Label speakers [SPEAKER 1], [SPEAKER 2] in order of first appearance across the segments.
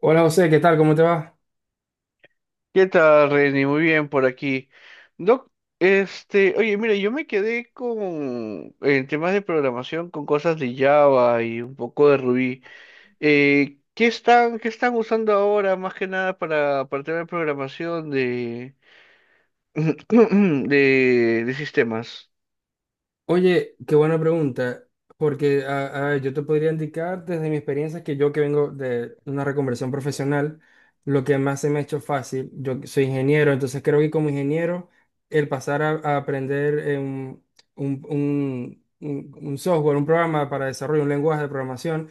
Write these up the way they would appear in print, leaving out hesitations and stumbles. [SPEAKER 1] Hola José, ¿qué tal? ¿Cómo te va?
[SPEAKER 2] ¿Qué tal, Reni? Muy bien por aquí. Doc, oye, mira, yo me quedé con en temas de programación con cosas de Java y un poco de Ruby. ¿ qué están usando ahora más que nada para temas de programación de, de sistemas?
[SPEAKER 1] Oye, qué buena pregunta, porque a yo te podría indicar desde mi experiencia que yo que vengo de una reconversión profesional, lo que más se me ha hecho fácil. Yo soy ingeniero, entonces creo que como ingeniero el pasar a aprender un, un software, un programa para desarrollo, un lenguaje de programación.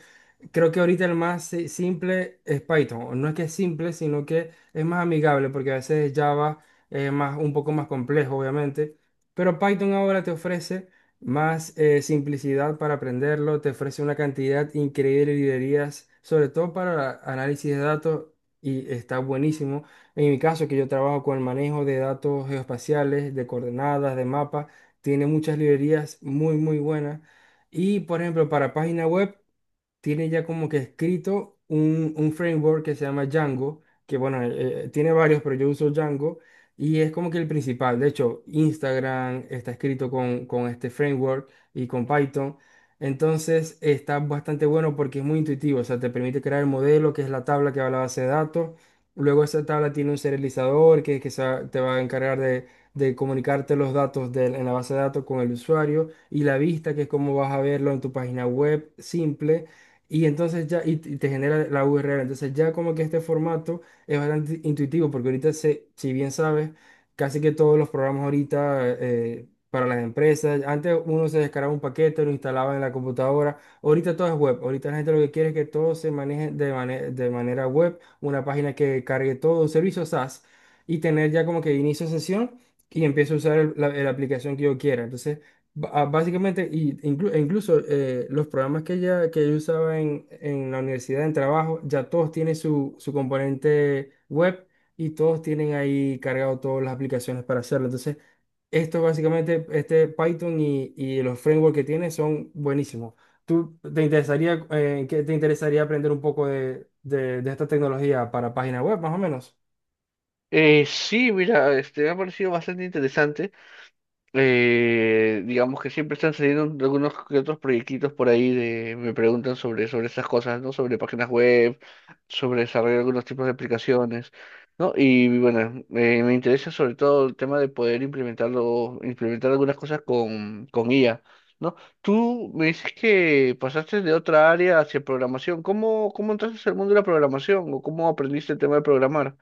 [SPEAKER 1] Creo que ahorita el más simple es Python. No es que es simple, sino que es más amigable, porque a veces Java es más, un poco más complejo, obviamente. Pero Python ahora te ofrece más simplicidad para aprenderlo, te ofrece una cantidad increíble de librerías, sobre todo para análisis de datos, y está buenísimo. En mi caso, que yo trabajo con el manejo de datos geoespaciales, de coordenadas, de mapas, tiene muchas librerías muy, muy buenas. Y, por ejemplo, para página web tiene ya como que escrito un framework que se llama Django, que bueno, tiene varios, pero yo uso Django y es como que el principal. De hecho, Instagram está escrito con este framework y con Python. Entonces está bastante bueno porque es muy intuitivo. O sea, te permite crear el modelo, que es la tabla que va a la base de datos. Luego esa tabla tiene un serializador que te va a encargar de comunicarte los datos en la base de datos con el usuario y la vista, que es como vas a verlo en tu página web simple. Y entonces ya, y te genera la URL. Entonces ya como que este formato es bastante intuitivo, porque ahorita, si bien sabes, casi que todos los programas ahorita para las empresas, antes uno se descargaba un paquete, lo instalaba en la computadora, ahorita todo es web, ahorita la gente lo que quiere es que todo se maneje de, de manera web, una página que cargue todo, un servicio SaaS, y tener ya como que inicio sesión y empiezo a usar la aplicación que yo quiera. Entonces básicamente, y e incluso los programas que yo usaba en la universidad, en trabajo, ya todos tienen su componente web y todos tienen ahí cargado todas las aplicaciones para hacerlo. Entonces, esto básicamente, este Python y los frameworks que tiene son buenísimos. ¿Tú te interesaría, que te interesaría aprender un poco de esta tecnología para página web, más o menos?
[SPEAKER 2] Sí, mira, me ha parecido bastante interesante. Digamos que siempre están saliendo algunos que otros proyectitos por ahí de, me preguntan sobre esas cosas, ¿no? Sobre páginas web, sobre desarrollar algunos tipos de aplicaciones, ¿no? Y bueno, me interesa sobre todo el tema de poder implementarlo, implementar algunas cosas con IA, ¿no? Tú me dices que pasaste de otra área hacia programación. ¿ cómo entraste al mundo de la programación o cómo aprendiste el tema de programar?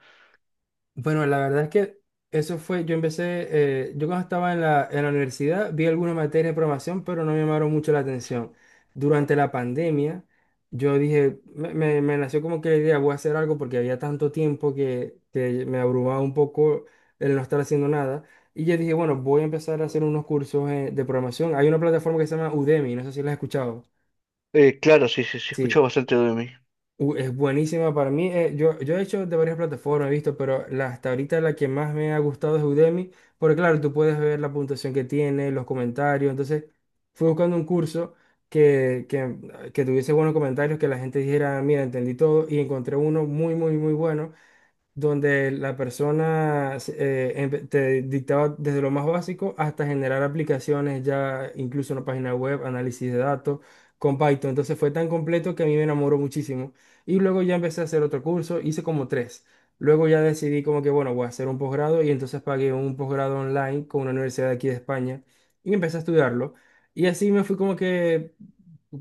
[SPEAKER 1] Bueno, la verdad es que eso fue, yo empecé, yo cuando estaba en la universidad vi alguna materia de programación, pero no me llamaron mucho la atención. Durante la pandemia, yo dije, me nació como que la idea, voy a hacer algo porque había tanto tiempo que me abrumaba un poco el no estar haciendo nada. Y yo dije, bueno, voy a empezar a hacer unos cursos de programación. Hay una plataforma que se llama Udemy, no sé si la has escuchado.
[SPEAKER 2] Claro, sí, sí, sí,
[SPEAKER 1] Sí.
[SPEAKER 2] escucho bastante de mí.
[SPEAKER 1] Es buenísima para mí. Yo he hecho de varias plataformas, he visto, pero la, hasta ahorita la que más me ha gustado es Udemy, porque claro, tú puedes ver la puntuación que tiene, los comentarios. Entonces, fui buscando un curso que, que, que tuviese buenos comentarios, que la gente dijera, mira, entendí todo, y encontré uno muy, muy, muy bueno donde la persona te dictaba desde lo más básico hasta generar aplicaciones, ya incluso una página web, análisis de datos con Python. Entonces fue tan completo que a mí me enamoró muchísimo. Y luego ya empecé a hacer otro curso, hice como tres. Luego ya decidí como que, bueno, voy a hacer un posgrado y entonces pagué un posgrado online con una universidad de aquí de España y empecé a estudiarlo. Y así me fui como que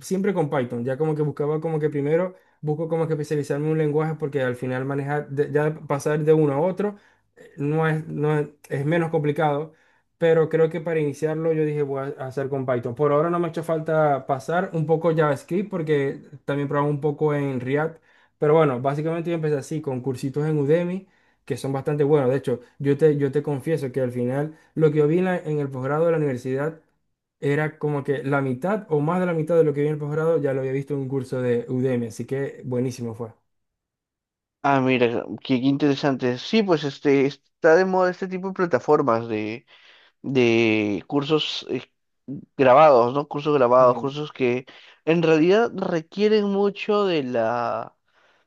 [SPEAKER 1] siempre con Python, ya como que buscaba como que primero busco como que especializarme en un lenguaje porque al final manejar, ya pasar de uno a otro, no es, no es, es menos complicado, pero creo que para iniciarlo yo dije voy a hacer con Python. Por ahora no me ha hecho falta pasar un poco JavaScript porque también probaba un poco en React, pero bueno, básicamente yo empecé así, con cursitos en Udemy, que son bastante buenos. De hecho, yo te confieso que al final lo que yo vi en el posgrado de la universidad era como que la mitad o más de la mitad de lo que vi en el posgrado ya lo había visto en un curso de Udemy, así que buenísimo fue.
[SPEAKER 2] Ah, mira, qué interesante. Sí, pues este está de moda este tipo de plataformas de cursos grabados, ¿no? Cursos grabados,
[SPEAKER 1] Mm.
[SPEAKER 2] cursos que en realidad requieren mucho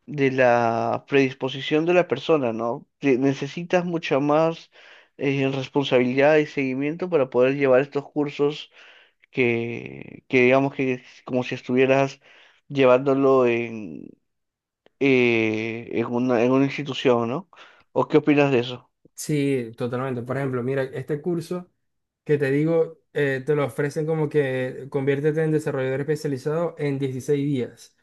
[SPEAKER 2] de la predisposición de la persona, ¿no? Te- Necesitas mucha más responsabilidad y seguimiento para poder llevar estos cursos que digamos que es como si estuvieras llevándolo en una institución, ¿no? ¿O qué opinas de eso?
[SPEAKER 1] Sí, totalmente. Por ejemplo, mira, este curso que te digo, te lo ofrecen como que conviértete en desarrollador especializado en 16 días.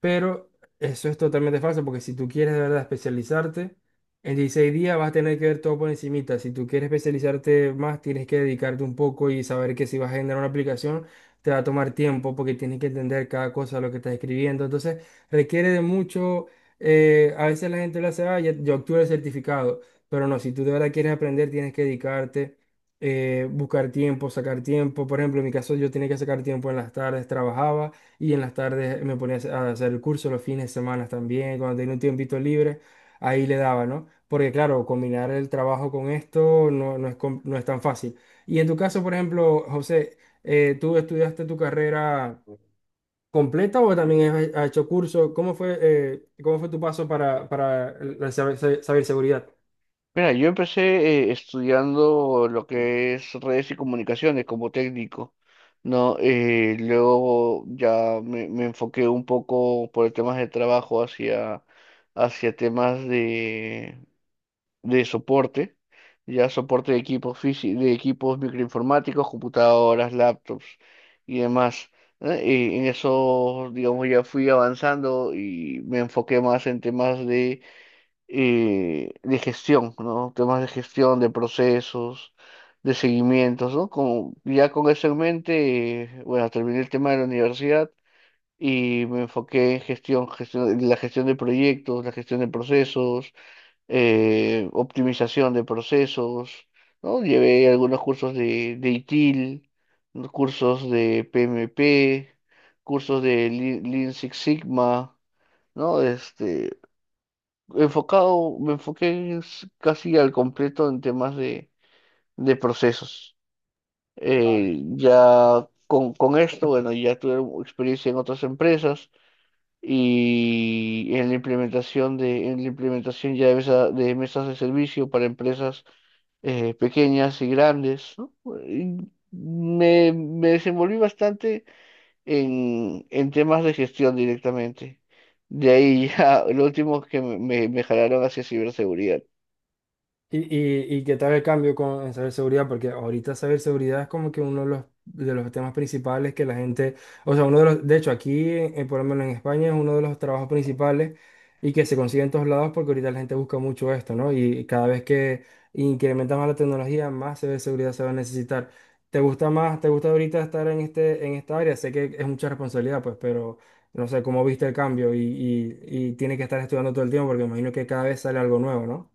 [SPEAKER 1] Pero eso es totalmente falso, porque si tú quieres de verdad especializarte, en 16 días vas a tener que ver todo por encimita. Si tú quieres especializarte más, tienes que dedicarte un poco y saber que si vas a generar una aplicación, te va a tomar tiempo porque tienes que entender cada cosa, lo que estás escribiendo. Entonces, requiere de mucho, a veces la gente lo hace, ah, yo obtuve el certificado, pero no, si tú de verdad quieres aprender, tienes que dedicarte. Buscar tiempo, sacar tiempo. Por ejemplo, en mi caso yo tenía que sacar tiempo en las tardes, trabajaba y en las tardes me ponía a hacer el curso, los fines de semana también, cuando tenía un tiempito libre, ahí le daba, ¿no? Porque claro, combinar el trabajo con esto no, no es, no es tan fácil. Y en tu caso, por ejemplo, José, ¿tú estudiaste tu carrera completa o también has, has hecho curso? Cómo fue tu paso para la ciberseguridad?
[SPEAKER 2] Mira, yo empecé estudiando lo que es redes y comunicaciones como técnico, ¿no? Luego ya me enfoqué un poco por temas de trabajo hacia, hacia temas de soporte, ya soporte de equipos de equipos microinformáticos, computadoras, laptops y demás. ¿Eh? Y en eso, digamos, ya fui avanzando y me enfoqué más en temas de gestión, ¿no? Temas de gestión, de procesos, de seguimientos, ¿no? Como, ya con eso en mente, bueno, terminé el tema de la universidad y me enfoqué en gestión, la gestión de proyectos, la gestión de procesos optimización de procesos, ¿no? Llevé algunos cursos de ITIL, ¿no? Cursos de PMP, cursos de Lean Six Sigma, ¿no? Enfocado, me enfoqué s- casi al completo en temas de procesos. Ya con esto, bueno, ya tuve experiencia en otras empresas y en la implementación de, en la implementación ya de, mesa- de mesas de servicio para empresas pequeñas y grandes, ¿no? Y me desenvolví bastante en temas de gestión directamente. De ahí ya lo último que me jalaron hacia ciberseguridad.
[SPEAKER 1] Y qué tal el cambio con, en ciberseguridad? Porque ahorita ciberseguridad es como que uno de los temas principales que la gente, o sea, uno de los, de hecho aquí, por lo menos en España, es uno de los trabajos principales y que se consigue en todos lados porque ahorita la gente busca mucho esto, ¿no? Y cada vez que incrementa más la tecnología, más ciberseguridad se va a necesitar. ¿Te gusta más, te gusta ahorita estar en este, en esta área? Sé que es mucha responsabilidad, pues, pero no sé cómo viste el cambio y, y tienes que estar estudiando todo el tiempo porque me imagino que cada vez sale algo nuevo, ¿no?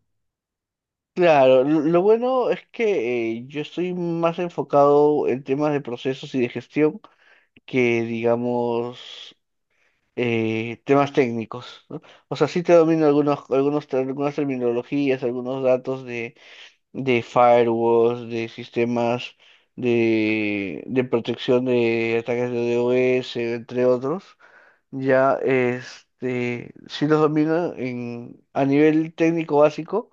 [SPEAKER 2] Claro, lo bueno es que yo estoy más enfocado en temas de procesos y de gestión que digamos temas técnicos, ¿no? O sea, sí te domino algunos, ter- algunas terminologías, algunos datos de firewalls, de sistemas de protección de ataques de DOS, entre otros. Ya, este, sí los domino en, a nivel técnico básico,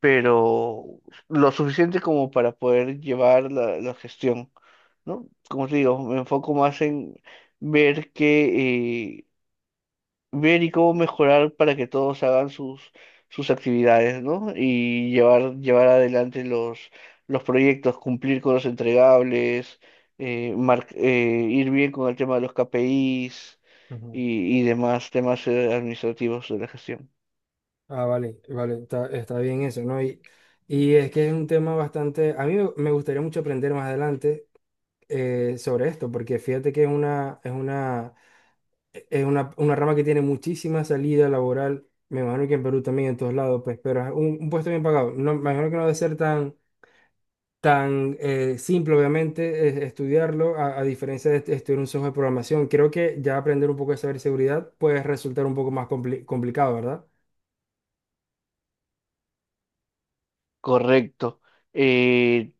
[SPEAKER 2] pero lo suficiente como para poder llevar la, la gestión, ¿no? Como te digo, me enfoco más en ver que ver y cómo mejorar para que todos hagan sus, sus actividades, ¿no? Y llevar, llevar adelante los proyectos, cumplir con los entregables, ir bien con el tema de los KPIs
[SPEAKER 1] Ujú.
[SPEAKER 2] y demás temas administrativos de la gestión.
[SPEAKER 1] Ah, vale, vale, está, está bien eso, ¿no? Y es que es un tema bastante, a mí me me gustaría mucho aprender más adelante sobre esto, porque fíjate que es una, es una, es una rama que tiene muchísima salida laboral, me imagino que en Perú también, en todos lados, pues, pero es un puesto bien pagado, no, me imagino que no debe ser tan, tan simple, obviamente, estudiarlo. A, a diferencia de estudiar un software de programación, creo que ya aprender un poco de ciberseguridad puede resultar un poco más complicado, ¿verdad?
[SPEAKER 2] Correcto. Eh,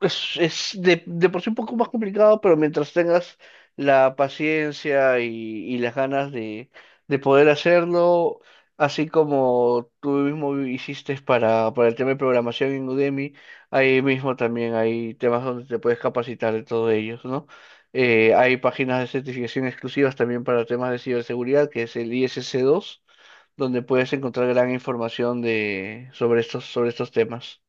[SPEAKER 2] Es de por sí un poco más complicado, pero mientras tengas la paciencia y las ganas de poder hacerlo, así como tú mismo hiciste para el tema de programación en Udemy, ahí mismo también hay temas donde te puedes capacitar de todos ellos, ¿no? Hay páginas de certificación exclusivas también para temas de ciberseguridad, que es el ISC2, donde puedes encontrar gran información de, sobre estos temas.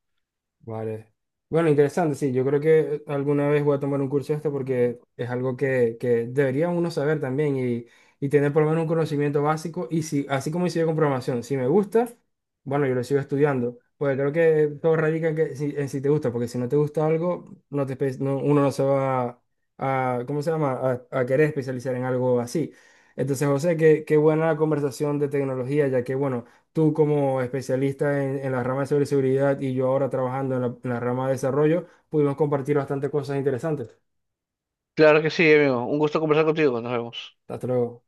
[SPEAKER 1] Vale. Bueno, interesante, sí. Yo creo que alguna vez voy a tomar un curso de esto porque es algo que debería uno saber también y tener por lo menos un conocimiento básico. Y si, así como hice yo con programación, si me gusta, bueno, yo lo sigo estudiando. Pues creo que todo radica en, que, si, en si te gusta, porque si no te gusta algo, no te, uno no se va a, ¿cómo se llama? A querer especializar en algo así. Entonces, José, qué, qué buena la conversación de tecnología, ya que, bueno, tú como especialista en la rama de ciberseguridad y yo ahora trabajando en la rama de desarrollo, pudimos compartir bastantes cosas interesantes.
[SPEAKER 2] Claro que sí, amigo. Un gusto conversar contigo. Nos vemos.
[SPEAKER 1] Hasta luego.